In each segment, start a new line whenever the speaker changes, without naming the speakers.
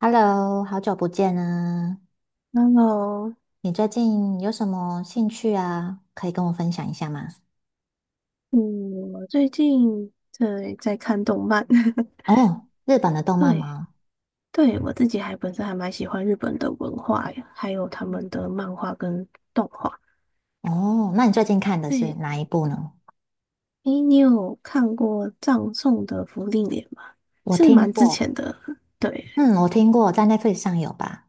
Hello，好久不见啊！
Hello,
你最近有什么兴趣啊？可以跟我分享一下吗？
嗯，我最近在看动漫，
哦，日本的动漫
对。
吗？
对，我自己还本身还蛮喜欢日本的文化呀，还有他们的漫画跟动画。
哦，那你最近看的是
对。
哪一部呢？
诶，你有看过葬送的福利莲吗？
我
是
听
蛮之
过，
前的。对。
嗯，我听过，在 Netflix 上有吧？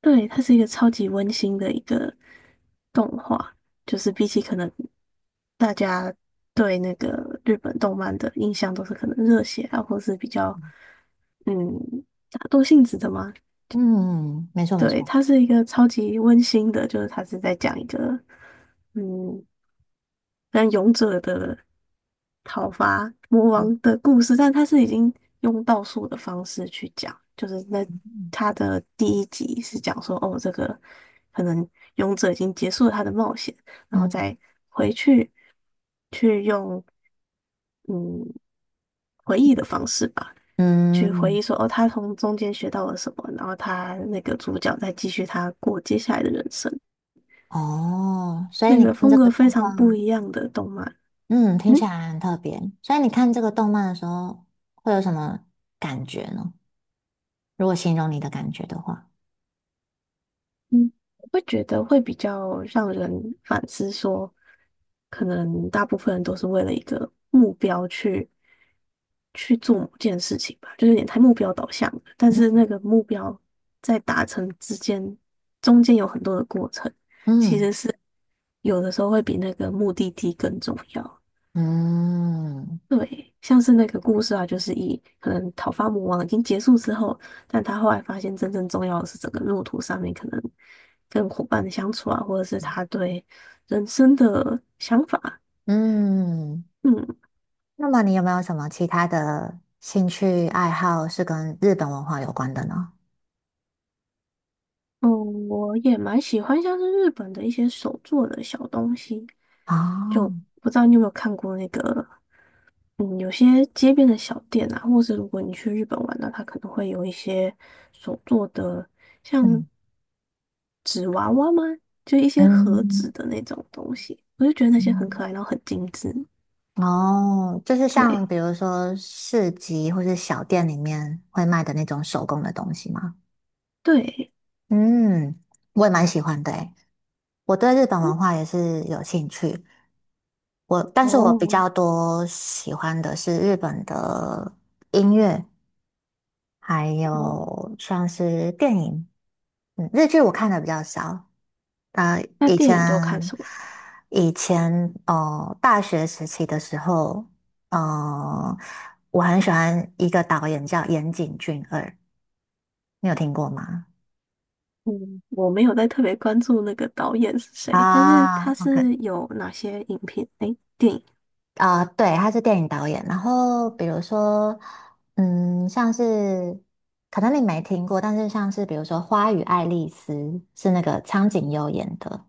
对，它是一个超级温馨的一个动画，就是比起可能大家对那个日本动漫的印象都是可能热血啊，或是比较嗯打斗性质的嘛。
嗯，没错没
对，
错，
它是一个超级温馨的，就是它是在讲一个嗯，像勇者的讨伐魔
嗯
王的故事，但它是已经用倒数的方式去讲，就是那它的第一集是讲说，哦，这个可能勇者已经结束了他的冒险，然后
嗯，
再回去去用嗯回忆的方式吧。去回
嗯
忆说，哦，他从中间学到了什么，然后他那个主角再继续他过接下来的人生，
哦，所以
是一
你
个
看
风
这个
格非
动
常不
漫，
一样的动漫。
嗯，听
嗯
起来很特别。所以你看这个动漫的时候，会有什么感觉呢？如果形容你的感觉的话，
嗯，我会觉得会比较让人反思说，可能大部分人都是为了一个目标去做某件事情吧，就有点太目标导向了。但是
嗯。
那个目标在达成之间，中间有很多的过程，其
嗯
实是有的时候会比那个目的地更重要。
嗯
对，像是那个故事啊，就是以可能讨伐魔王已经结束之后，但他后来发现真正重要的是整个路途上面可能跟伙伴的相处啊，或者是他对人生的想法。
嗯，
嗯。
那么你有没有什么其他的兴趣爱好是跟日本文化有关的呢？
嗯，我也蛮喜欢像是日本的一些手做的小东西，就
哦，
不知道你有没有看过那个有些街边的小店啊，或是如果你去日本玩呢，它可能会有一些手做的，像
嗯
纸娃娃吗？就一些盒子
嗯
的那种东西，我就觉得那些很
嗯，
可爱，然后很精致。
哦，就是像
对。
比如说市集或是小店里面会卖的那种手工的东西吗？
对。
嗯，我也蛮喜欢的诶，我对日本
嗯
文化也是有兴趣。我，但是我比
哦。
较多喜欢的是日本的音乐，还
哦，
有像是电影，嗯，日剧我看的比较少。啊。
那
以
电影都看
前
什么？
以前哦，大学时期的时候，呃，我很喜欢一个导演叫岩井俊二，你有听过吗？
嗯，我没有在特别关注那个导演是谁，但是他
啊，OK，
是有哪些影片？诶，电影。
啊、对，他是电影导演。然后比如说，像是可能你没听过，但是像是比如说《花与爱丽丝》是那个苍井优演的。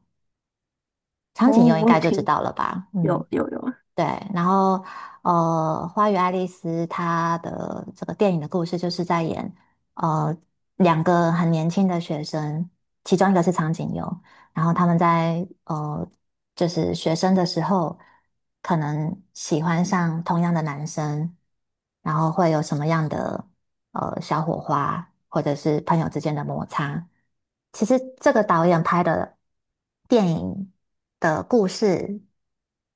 长
哦，
井优应
我有
该就知
听，
道了吧？嗯，
有有有。
对。然后，《花与爱丽丝》它的这个电影的故事就是在演，呃，两个很年轻的学生，其中一个是长井优，然后他们在就是学生的时候，可能喜欢上同样的男生，然后会有什么样的？小火花，或者是朋友之间的摩擦。其实这个导演拍的电影的故事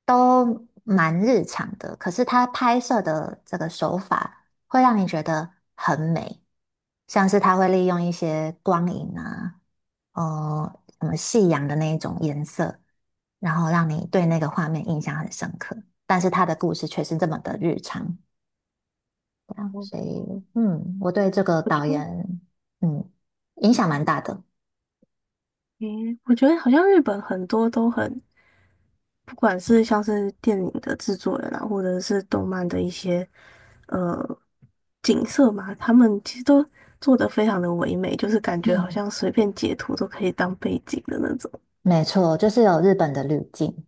都蛮日常的，可是他拍摄的这个手法会让你觉得很美，像是他会利用一些光影啊，什么夕阳的那一种颜色，然后让你对那个画面印象很深刻。但是他的故事却是这么的日常，啊
哦。
所
哦，
以我对这个
我觉
导
得
演嗯影响蛮大的。
嗯，我觉得好像日本很多都很，不管是像是电影的制作人啊，或者是动漫的一些呃景色嘛，他们其实都做的非常的唯美，就是感觉好
嗯，
像随便截图都可以当背景的那种。
没错，就是有日本的滤镜。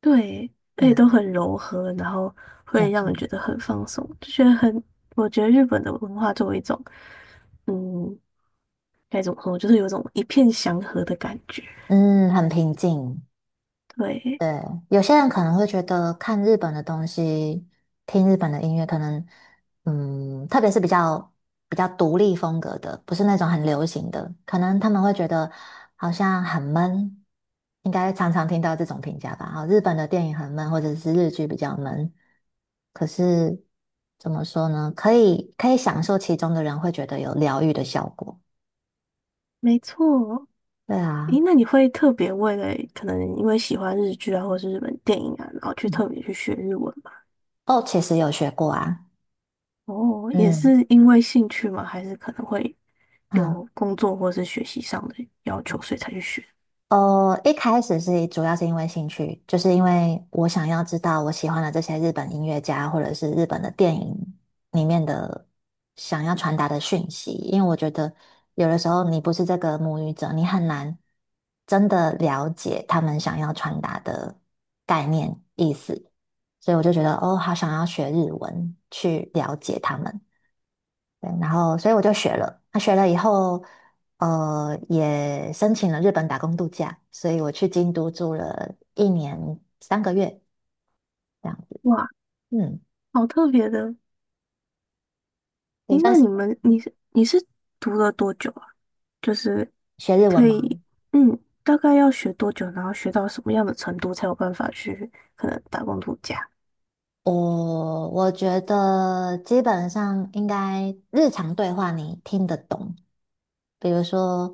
对，而
对
且都
啊
很柔和，然后
没
会让人
错。
觉得很放松，就觉得很，我觉得日本的文化作为一种，嗯，该怎么说，就是有种一片祥和的感觉。
嗯，很平静。
对。
对，有些人可能会觉得看日本的东西，听日本的音乐，可能特别是比较独立风格的，不是那种很流行的，可能他们会觉得好像很闷，应该常常听到这种评价吧。啊，日本的电影很闷，或者是日剧比较闷。可是怎么说呢？可以享受其中的人会觉得有疗愈的效果。
没错。
对啊，
诶，那你会特别为了可能因为喜欢日剧啊，或是日本电影啊，然后去
嗯，
特别去学日文吗？
哦，其实有学过啊，
哦，也
嗯
是因为兴趣吗？还是可能会
嗯。
有工作或是学习上的要求，所以才去学？
哦，一开始是主要是因为兴趣，就是因为我想要知道我喜欢的这些日本音乐家或者是日本的电影里面的想要传达的讯息，因为我觉得有的时候你不是这个母语者，你很难真的了解他们想要传达的概念意思，所以我就觉得哦，好想要学日文去了解他们。对，然后所以我就学了。那学了以后，也申请了日本打工度假，所以我去京都住了1年3个月这样子。
哇，
嗯，
好特别的！
对，
诶，
算
那
是
你是读了多久啊？就是
学日文
可
吗？
以，嗯，大概要学多久，然后学到什么样的程度才有办法去可能打工度假？
我觉得基本上应该日常对话你听得懂，比如说，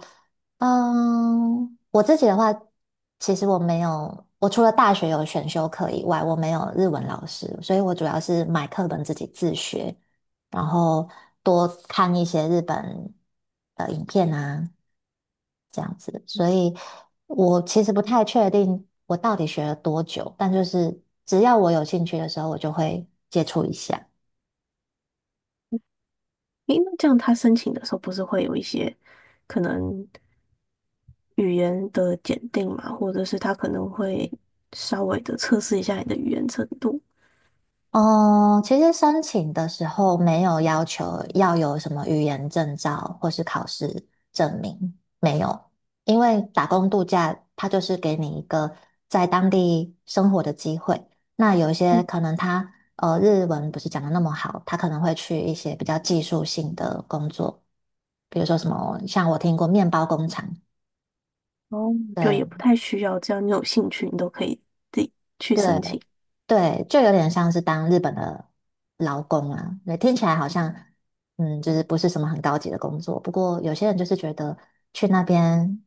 嗯，我自己的话，其实我没有，我除了大学有选修课以外，我没有日文老师，所以我主要是买课本自己自学，然后多看一些日本的影片啊，这样子。所以我其实不太确定我到底学了多久，但就是只要我有兴趣的时候，我就会接触一下。
诶，那这样他申请的时候不是会有一些可能？语言的检定嘛，或者是他可能会
嗯
稍微的测试一下你的语言程度，
哦，其实申请的时候没有要求要有什么语言证照或是考试证明，没有，因为打工度假它就是给你一个在当地生活的机会。那有一些可能他日文不是讲的那么好，他可能会去一些比较技术性的工作，比如说什么像我听过面包工厂，
哦，就也不
对
太需要，只要你有兴趣，你都可以自己去
对
申请。
对，就有点像是当日本的劳工啊。对，听起来好像，嗯，就是不是什么很高级的工作。不过有些人就是觉得去那边，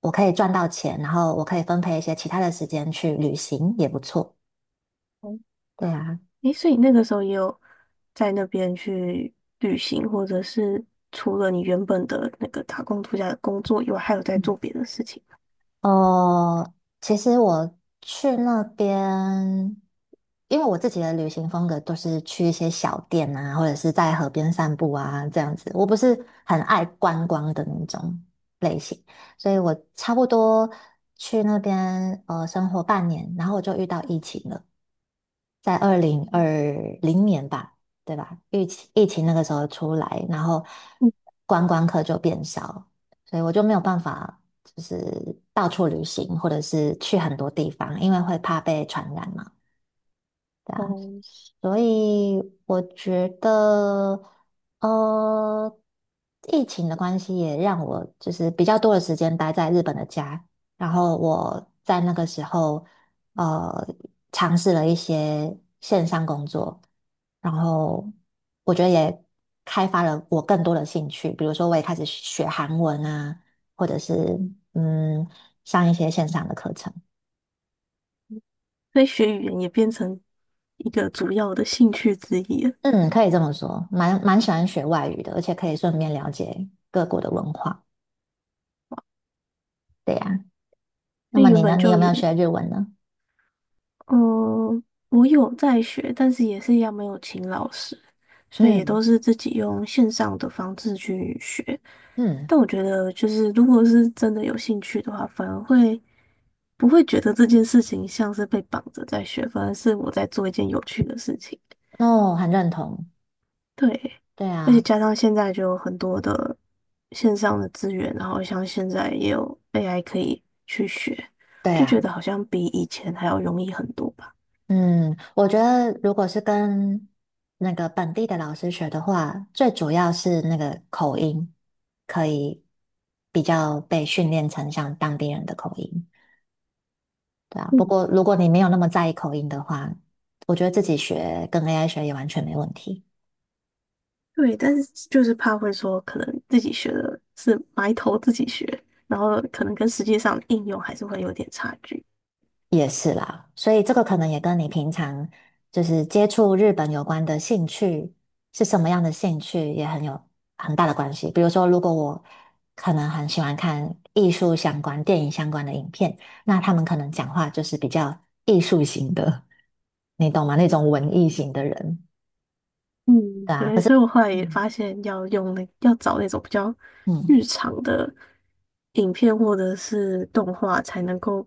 我可以赚到钱，然后我可以分配一些其他的时间去旅行，也不错。
哦。
对啊，
诶，所以那个时候也有在那边去旅行，或者是除了你原本的那个打工度假的工作以外，还有在做别的事情。
哦，其实我去那边，因为我自己的旅行风格都是去一些小店啊，或者是在河边散步啊，这样子。我不是很爱观光的那种类型，所以我差不多去那边生活半年，然后我就遇到疫情了。在2020年吧，对吧？疫情那个时候出来，然后
嗯。
观光客就变少，所以我就没有办法就是到处旅行，或者是去很多地方，因为会怕被传染嘛。
哦，
所以我觉得，呃，疫情的关系也让我就是比较多的时间待在日本的家，然后我在那个时候，呃，尝试了一些线上工作，然后我觉得也开发了我更多的兴趣，比如说我也开始学韩文啊，或者是嗯，上一些线上的课程。
所以学语言也变成一个主要的兴趣之一了，
嗯，可以这么说，蛮喜欢学外语的，而且可以顺便了解各国的文化。对呀，那
因为
么
原
你呢？
本
你有
就
没
有
有学日文呢？
嗯，我有在学，但是也是一样没有请老师，所以也
嗯
都是自己用线上的方式去学。
嗯，
但我觉得，就是如果是真的有兴趣的话，反而会不会觉得这件事情像是被绑着在学，反而是我在做一件有趣的事情。
哦，很认同。
对，
对
而且
啊，
加上现在就有很多的线上的资源，然后像现在也有 AI 可以去学，
对
就
啊，
觉得好像比以前还要容易很多吧。
嗯，我觉得如果是跟那个本地的老师学的话，最主要是那个口音可以比较被训练成像当地人的口音。对啊，
嗯。
不过如果你没有那么在意口音的话，我觉得自己学跟 AI 学也完全没问题。
对，但是就是怕会说，可能自己学的是埋头自己学，然后可能跟实际上应用还是会有点差距。
也是啦，所以这个可能也跟你平常就是接触日本有关的兴趣是什么样的兴趣也很有很大的关系。比如说，如果我可能很喜欢看艺术相关、电影相关的影片，那他们可能讲话就是比较艺术型的，你懂吗？那种文艺型的人，
嗯，
对啊。可
对，
是，
所以我后来也
嗯
发现要找那种比较
嗯，
日常的影片或者是动画，才能够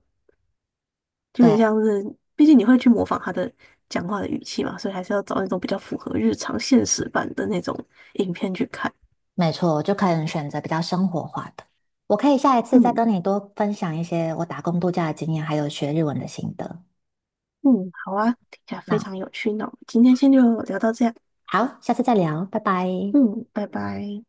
就很
对，
像是，毕竟你会去模仿他的讲话的语气嘛，所以还是要找那种比较符合日常现实版的那种影片去看。
没错，就可能选择比较生活化的。我可以下一次再
嗯。
跟你多分享一些我打工度假的经验，还有学日文的心得。
嗯，好啊，听起来非
那
常有趣，那我们今天先就聊到这样。
好，下次再聊，拜拜。
嗯，拜拜。